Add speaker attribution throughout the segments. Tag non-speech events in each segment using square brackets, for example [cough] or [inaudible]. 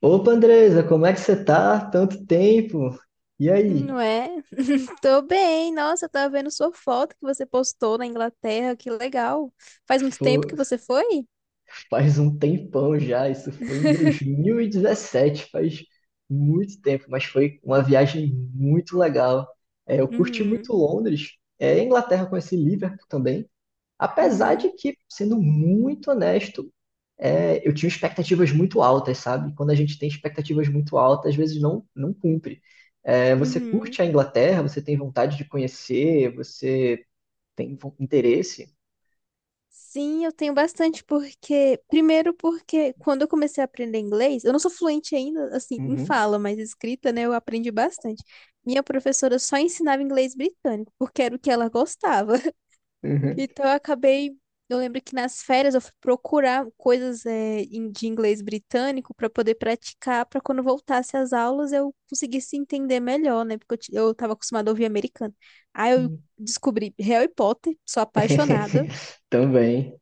Speaker 1: Opa, Andresa, como é que você tá? Tanto tempo. E aí?
Speaker 2: Não é? Tô bem. Nossa, eu tava vendo sua foto que você postou na Inglaterra. Que legal. Faz muito tempo
Speaker 1: Pô,
Speaker 2: que você foi?
Speaker 1: faz um tempão já, isso foi em
Speaker 2: [laughs]
Speaker 1: 2017, faz muito tempo, mas foi uma viagem muito legal. Eu curti
Speaker 2: Uhum,
Speaker 1: muito Londres, a Inglaterra conheci Liverpool também, apesar de
Speaker 2: uhum,
Speaker 1: que, sendo muito honesto, eu tinha expectativas muito altas, sabe? Quando a gente tem expectativas muito altas, às vezes não cumpre. É, você
Speaker 2: uhum.
Speaker 1: curte a Inglaterra, você tem vontade de conhecer, você tem interesse?
Speaker 2: Sim, eu tenho bastante porque, primeiro porque quando eu comecei a aprender inglês, eu não sou fluente ainda, assim, em
Speaker 1: Uhum,
Speaker 2: fala, mas escrita, né, eu aprendi bastante. Minha professora só ensinava inglês britânico, porque era o que ela gostava.
Speaker 1: uhum.
Speaker 2: Então eu acabei. Eu lembro que nas férias eu fui procurar coisas de inglês britânico para poder praticar, para quando voltasse às aulas eu conseguisse entender melhor, né? Porque eu tava acostumada a ouvir americano. Aí eu descobri Harry Potter, sou apaixonada.
Speaker 1: [laughs] Também,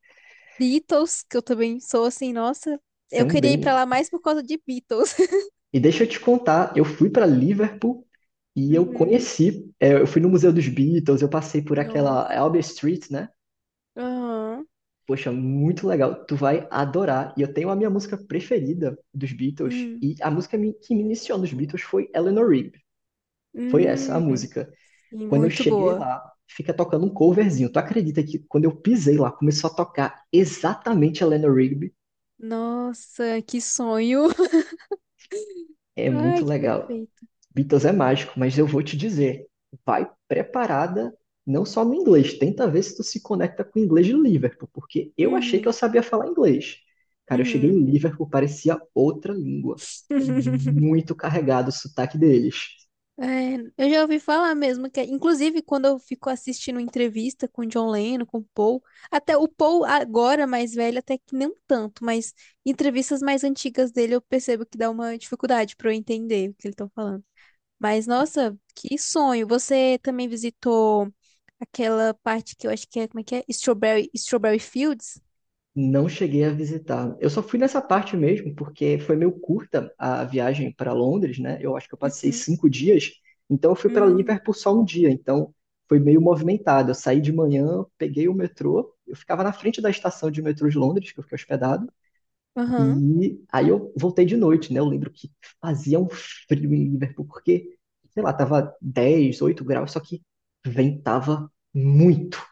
Speaker 2: Beatles, que eu também sou assim, nossa, eu queria ir para
Speaker 1: também.
Speaker 2: lá mais por causa de Beatles. [laughs]
Speaker 1: E deixa eu te contar, eu fui para Liverpool e eu
Speaker 2: Uhum.
Speaker 1: conheci, eu fui no Museu dos Beatles, eu passei por aquela
Speaker 2: Nossa.
Speaker 1: Albert Street, né?
Speaker 2: Aham.
Speaker 1: Poxa, muito legal. Tu vai adorar. E eu tenho a minha música preferida dos Beatles
Speaker 2: Hum.
Speaker 1: e a música que me iniciou nos Beatles foi Eleanor Rigby. Foi essa a
Speaker 2: Hum.
Speaker 1: música.
Speaker 2: Sim,
Speaker 1: Quando eu
Speaker 2: muito
Speaker 1: cheguei
Speaker 2: boa.
Speaker 1: lá, fica tocando um coverzinho. Tu acredita que quando eu pisei lá, começou a tocar exatamente Eleanor Rigby?
Speaker 2: Nossa, que sonho. [laughs]
Speaker 1: É muito
Speaker 2: Ai, que
Speaker 1: legal.
Speaker 2: perfeito.
Speaker 1: Beatles é mágico, mas eu vou te dizer, vai preparada não só no inglês, tenta ver se tu se conecta com o inglês de Liverpool, porque eu achei que eu
Speaker 2: Uhum,
Speaker 1: sabia falar inglês. Cara, eu cheguei
Speaker 2: uhum.
Speaker 1: em Liverpool, parecia outra língua. É
Speaker 2: [laughs]
Speaker 1: muito carregado o sotaque deles.
Speaker 2: É, eu já ouvi falar mesmo que, inclusive, quando eu fico assistindo entrevista com o John Lennon, com o Paul, até o Paul agora mais velho, até que não tanto, mas entrevistas mais antigas dele eu percebo que dá uma dificuldade para eu entender o que eles estão falando. Mas nossa, que sonho! Você também visitou aquela parte que eu acho que é, como é que é? Strawberry, Strawberry Fields?
Speaker 1: Não cheguei a visitar. Eu só fui nessa parte mesmo, porque foi meio curta a viagem para Londres, né? Eu acho que eu passei
Speaker 2: Uhum.
Speaker 1: 5 dias, então eu fui para
Speaker 2: Hum.
Speaker 1: Liverpool só um dia, então foi meio movimentado. Eu saí de manhã, peguei o metrô, eu ficava na frente da estação de metrô de Londres, que eu fiquei hospedado,
Speaker 2: Aham.
Speaker 1: e aí eu voltei de noite, né? Eu lembro que fazia um frio em Liverpool, porque, sei lá, tava 10 8 graus, só que ventava muito.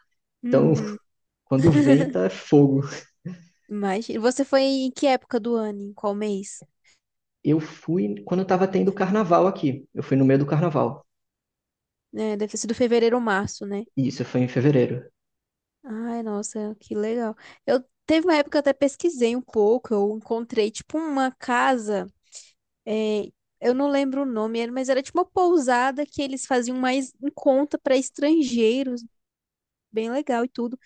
Speaker 1: Então,
Speaker 2: Uhum.
Speaker 1: [laughs] quando
Speaker 2: [laughs]
Speaker 1: venta, é fogo.
Speaker 2: Mas você foi em que época do ano? Em qual mês?
Speaker 1: Eu fui quando estava tendo carnaval aqui. Eu fui no meio do carnaval.
Speaker 2: É, deve ter sido fevereiro ou março, né?
Speaker 1: E isso foi em fevereiro.
Speaker 2: Ai, nossa, que legal. Eu teve uma época que eu até pesquisei um pouco, eu encontrei tipo uma casa, é, eu não lembro o nome, mas era tipo uma pousada que eles faziam mais em conta para estrangeiros, bem legal e tudo.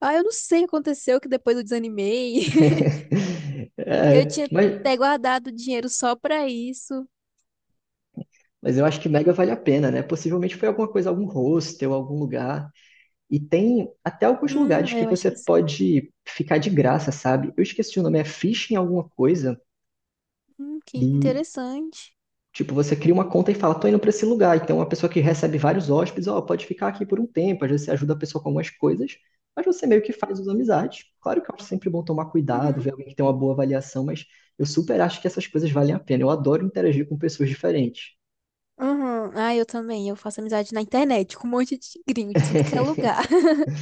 Speaker 2: Ah, eu não sei o que aconteceu que depois eu desanimei. [laughs]
Speaker 1: [laughs]
Speaker 2: Eu
Speaker 1: É,
Speaker 2: tinha até
Speaker 1: mas,
Speaker 2: guardado dinheiro só para isso.
Speaker 1: mas eu acho que mega vale a pena, né? Possivelmente foi alguma coisa, algum hostel, algum lugar. E tem até alguns lugares que
Speaker 2: É, eu acho
Speaker 1: você
Speaker 2: que sim.
Speaker 1: pode ficar de graça, sabe? Eu esqueci o nome, é Fishing alguma coisa.
Speaker 2: Que
Speaker 1: E
Speaker 2: interessante.
Speaker 1: tipo, você cria uma conta e fala, tô indo para esse lugar. Então, uma pessoa que recebe vários hóspedes, ó, pode ficar aqui por um tempo. Às vezes você ajuda a pessoa com algumas coisas, mas você meio que faz as amizades. Claro que eu acho sempre bom tomar cuidado,
Speaker 2: Uhum.
Speaker 1: ver alguém que tem uma boa avaliação, mas eu super acho que essas coisas valem a pena. Eu adoro interagir com pessoas diferentes.
Speaker 2: Uhum. Ah, eu também. Eu faço amizade na internet com um monte de gringo de tudo que é
Speaker 1: [laughs]
Speaker 2: lugar. [laughs]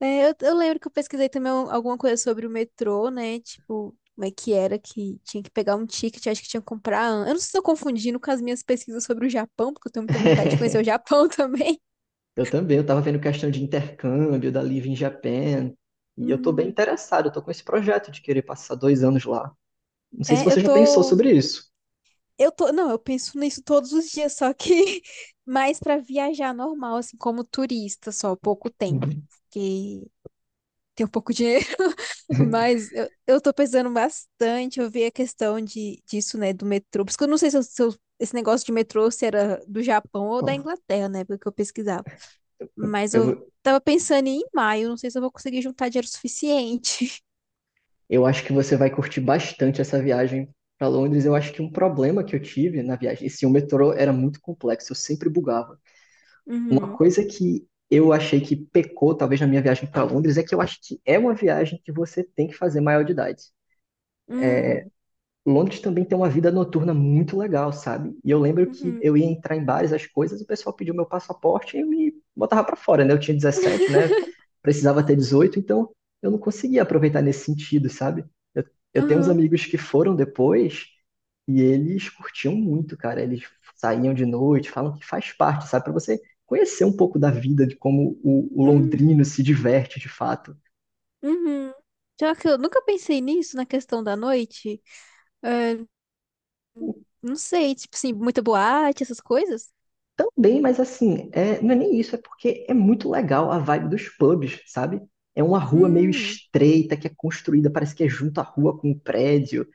Speaker 2: É, eu lembro que eu pesquisei também alguma coisa sobre o metrô, né? Tipo, como é que era que tinha que pegar um ticket, acho que tinha que comprar. Eu não sei se estou confundindo com as minhas pesquisas sobre o Japão, porque eu tenho muita vontade de conhecer o Japão [laughs] também.
Speaker 1: Eu também, eu tava vendo questão de intercâmbio da Live in Japan. E eu tô bem
Speaker 2: Hum,
Speaker 1: interessado, eu tô com esse projeto de querer passar 2 anos lá. Não sei se
Speaker 2: é, eu
Speaker 1: você já pensou
Speaker 2: tô.
Speaker 1: sobre isso.
Speaker 2: Eu tô. Não, eu penso nisso todos os dias, só que [laughs] mais pra viajar normal, assim, como turista, só pouco tempo.
Speaker 1: Uhum.
Speaker 2: Porque tem um pouco de. Mas eu tô pensando bastante, eu vi a questão de, disso, né, do metrô. Por isso que eu não sei se esse negócio de metrô se era do Japão ou da
Speaker 1: Ó,
Speaker 2: Inglaterra, né, porque eu pesquisava. Mas
Speaker 1: eu
Speaker 2: eu
Speaker 1: vou,
Speaker 2: tava pensando em ir em maio, não sei se eu vou conseguir juntar dinheiro suficiente. [laughs]
Speaker 1: eu acho que você vai curtir bastante essa viagem para Londres. Eu acho que um problema que eu tive na viagem, esse o metrô era muito complexo, eu sempre bugava. Uma
Speaker 2: Uhum.
Speaker 1: coisa que eu achei que pecou, talvez, na minha viagem para Londres, é que eu acho que é uma viagem que você tem que fazer maior de idade.
Speaker 2: Hum.
Speaker 1: Londres também tem uma vida noturna muito legal, sabe? E eu lembro que
Speaker 2: Uhum.
Speaker 1: eu ia entrar em bares, as coisas, o pessoal pediu meu passaporte e me botava pra fora, né? Eu tinha 17, né? Precisava ter 18, então eu não conseguia aproveitar nesse sentido, sabe? Eu, eu tenho uns
Speaker 2: Aham.
Speaker 1: amigos que foram depois e eles curtiam muito, cara. Eles saíam de noite, falam que faz parte, sabe? Pra você conhecer um pouco da vida, de como o
Speaker 2: Hum.
Speaker 1: londrino se diverte de fato.
Speaker 2: Uhum. Já que eu nunca pensei nisso, na questão da noite, é, não sei, tipo assim, muita boate, essas coisas.
Speaker 1: Também, mas assim, não é nem isso, é porque é muito legal a vibe dos pubs, sabe? É uma rua meio
Speaker 2: Hum.
Speaker 1: estreita que é construída, parece que é junto à rua com um prédio,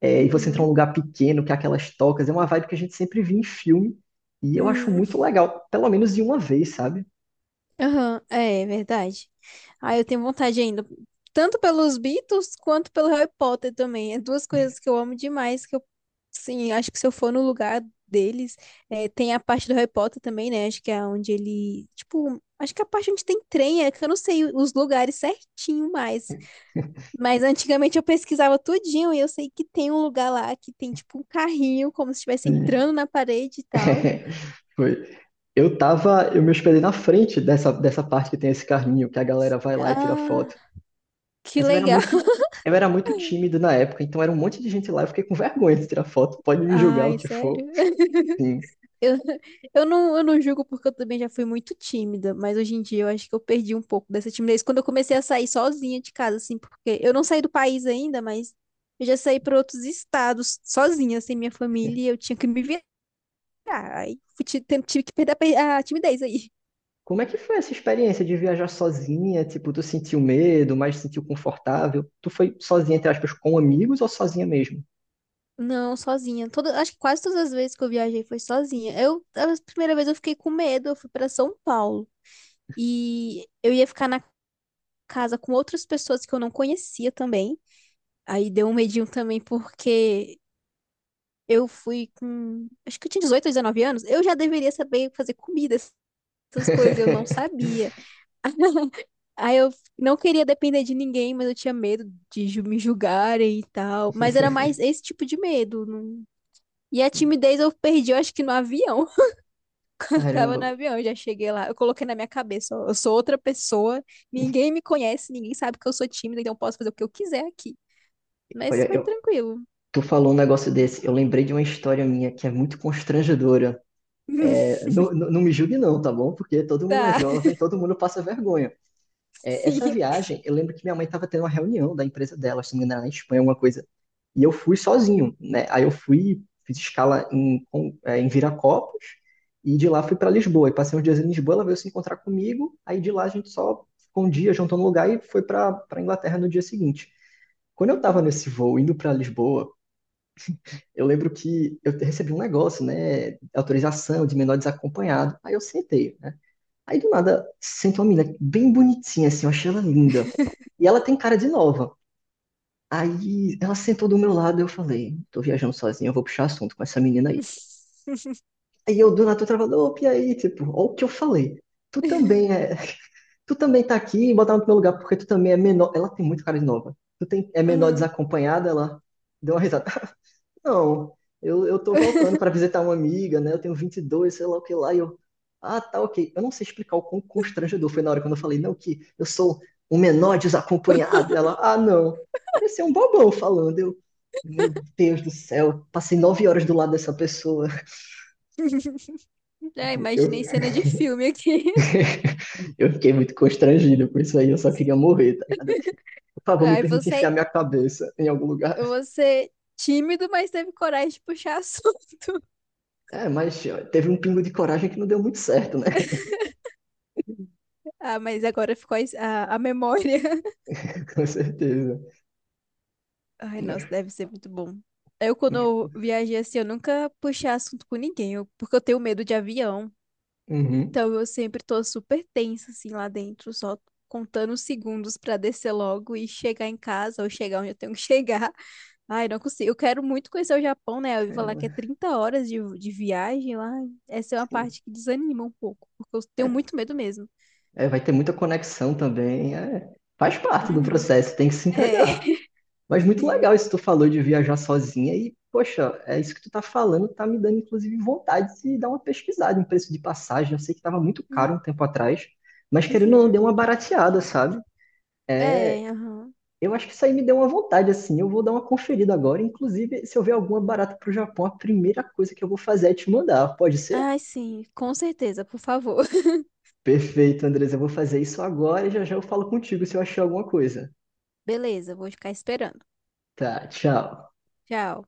Speaker 1: e você entra num
Speaker 2: Uhum.
Speaker 1: lugar pequeno que é aquelas tocas, é uma vibe que a gente sempre vê em filme, e eu acho
Speaker 2: Hum.
Speaker 1: muito legal, pelo menos de uma vez, sabe?
Speaker 2: Aham, é, é verdade. Ah, eu tenho vontade ainda, tanto pelos Beatles quanto pelo Harry Potter também. É duas coisas que eu amo demais, que eu, sim, acho que se eu for no lugar deles, é, tem a parte do Harry Potter também, né? Acho que é onde ele, tipo, acho que é a parte onde tem trem, é que eu não sei os lugares certinho mais. Mas antigamente eu pesquisava tudinho e eu sei que tem um lugar lá que tem, tipo, um carrinho, como se estivesse
Speaker 1: Sim.
Speaker 2: entrando na parede e tal.
Speaker 1: [laughs] Foi. Eu tava, eu me hospedei na frente dessa parte que tem esse carrinho, que a galera vai lá e tira
Speaker 2: Ah,
Speaker 1: foto.
Speaker 2: que
Speaker 1: Mas
Speaker 2: legal.
Speaker 1: eu era muito tímido
Speaker 2: [laughs]
Speaker 1: na época, então era um monte de gente lá, eu fiquei com [laughs] vergonha de tirar foto, pode me julgar o
Speaker 2: Ai,
Speaker 1: que for.
Speaker 2: sério.
Speaker 1: Sim.
Speaker 2: Eu não julgo porque eu também já fui muito tímida, mas hoje em dia eu acho que eu perdi um pouco dessa timidez quando eu comecei a sair sozinha de casa, assim, porque eu não saí do país ainda, mas eu já saí para outros estados sozinha, sem minha família, e eu tinha que me virar. Aí tive que perder a timidez aí.
Speaker 1: Como é que foi essa experiência de viajar sozinha? Tipo, tu sentiu medo, mas se sentiu confortável? Tu foi sozinha, entre aspas, com amigos ou sozinha mesmo?
Speaker 2: [laughs] Não, sozinha. Toda, acho que quase todas as vezes que eu viajei foi sozinha. Eu, a primeira vez eu fiquei com medo, eu fui para São Paulo e eu ia ficar na casa com outras pessoas que eu não conhecia também. Aí deu um medinho também porque eu fui com, acho que eu tinha 18 ou 19 anos, eu já deveria saber fazer comida, essas coisas, eu não
Speaker 1: [laughs]
Speaker 2: sabia. [laughs] Aí eu não queria depender de ninguém, mas eu tinha medo de me julgarem e tal. Mas era mais esse tipo de medo. E a timidez eu perdi, eu acho que no avião. [laughs] Eu tava no
Speaker 1: Caramba,
Speaker 2: avião, eu já cheguei lá. Eu coloquei na minha cabeça, ó, eu sou outra pessoa, ninguém me conhece, ninguém sabe que eu sou tímida, então eu posso fazer o que eu quiser aqui. Mas
Speaker 1: olha,
Speaker 2: foi tranquilo.
Speaker 1: tu falou um negócio desse, eu lembrei de uma história minha que é muito constrangedora.
Speaker 2: [laughs]
Speaker 1: É, não, não não me julgue não, tá bom? Porque todo mundo é
Speaker 2: Tá,
Speaker 1: jovem, todo mundo passa vergonha.
Speaker 2: [laughs]
Speaker 1: É, essa
Speaker 2: sim.
Speaker 1: viagem, eu lembro que minha mãe estava tendo uma reunião da empresa dela, se não me engano, era na Espanha, alguma coisa. E eu fui sozinho, né? Aí eu fui, fiz escala em Viracopos e de lá fui para Lisboa. E passei uns dias em Lisboa, ela veio se encontrar comigo. Aí de lá a gente só ficou um dia, juntou no lugar e foi para para Inglaterra no dia seguinte. Quando eu estava
Speaker 2: Uhum.
Speaker 1: nesse voo indo para Lisboa, eu lembro que eu recebi um negócio, né? Autorização de menor desacompanhado. Aí eu sentei, né? Aí do nada senta uma menina bem bonitinha, assim, eu achei ela linda. E ela tem cara de nova. Aí ela sentou do meu lado e eu falei, tô viajando sozinha, eu vou puxar assunto com essa menina aí.
Speaker 2: [laughs]
Speaker 1: Aí eu do nada tô travado, opa, e aí, tipo, ó o que eu falei. Tu também é, tu também tá aqui, botar no teu lugar, porque tu também é menor. Ela tem muito cara de nova. Tu tem, menor
Speaker 2: Aham.
Speaker 1: desacompanhada, ela deu uma risada. Não, eu tô voltando para visitar uma amiga, né? Eu tenho 22, sei lá o que lá, e eu. Ah, tá, ok. Eu não sei explicar o quão constrangedor foi na hora quando eu falei, não, que eu sou um menor desacompanhado. E ela, ah, não. Parecia um bobão falando. Meu Deus do céu, passei 9 horas
Speaker 2: Ai.
Speaker 1: do lado dessa pessoa.
Speaker 2: [laughs] É,
Speaker 1: Tipo, Eu,
Speaker 2: imaginei cena de filme aqui. [laughs]
Speaker 1: [laughs] eu fiquei muito constrangido com isso aí, eu só queria morrer, tá ligado? Eu, por favor, me
Speaker 2: Aí
Speaker 1: permite enfiar
Speaker 2: você,
Speaker 1: minha cabeça em algum lugar.
Speaker 2: você tímido, mas teve coragem de puxar assunto. [laughs]
Speaker 1: É, mas ó, teve um pingo de coragem que não deu muito certo, né?
Speaker 2: Ah, mas agora ficou a memória. [laughs]
Speaker 1: [laughs] Com certeza.
Speaker 2: Ai, nossa,
Speaker 1: Mas
Speaker 2: deve ser muito bom. Eu, quando eu viajei assim, eu nunca puxei assunto com ninguém, porque eu tenho medo de avião.
Speaker 1: Uhum.
Speaker 2: Então eu sempre tô super tensa, assim, lá dentro, só contando os segundos pra descer logo e chegar em casa ou chegar onde eu tenho que [laughs] chegar. Ai, não consigo. Eu quero muito conhecer o Japão, né? Eu ouvi falar que é
Speaker 1: Caramba,
Speaker 2: 30 horas de viagem lá. Essa é uma
Speaker 1: sim.
Speaker 2: parte que desanima um pouco, porque eu tenho
Speaker 1: É,
Speaker 2: muito medo mesmo.
Speaker 1: vai ter muita conexão também. Faz parte do
Speaker 2: Uhum.
Speaker 1: processo, tem que se
Speaker 2: É,
Speaker 1: entregar.
Speaker 2: [laughs]
Speaker 1: Mas muito legal
Speaker 2: sim.
Speaker 1: isso que tu falou de viajar sozinha e, poxa, é isso que tu tá falando, tá me dando inclusive vontade de dar uma pesquisada em preço de passagem. Eu sei que tava muito caro
Speaker 2: Hum,
Speaker 1: um tempo atrás, mas querendo ou não,
Speaker 2: uhum.
Speaker 1: deu uma barateada, sabe?
Speaker 2: É, aham.
Speaker 1: Eu acho que isso aí me deu uma vontade, assim. Eu vou dar uma conferida agora. Inclusive, se eu ver alguma barata pro Japão, a primeira coisa que eu vou fazer é te mandar. Pode ser?
Speaker 2: Ai, sim, com certeza, por favor. [laughs]
Speaker 1: Perfeito, Andres. Eu vou fazer isso agora e já já eu falo contigo se eu achar alguma coisa.
Speaker 2: Beleza, vou ficar esperando.
Speaker 1: Tá, tchau.
Speaker 2: Tchau.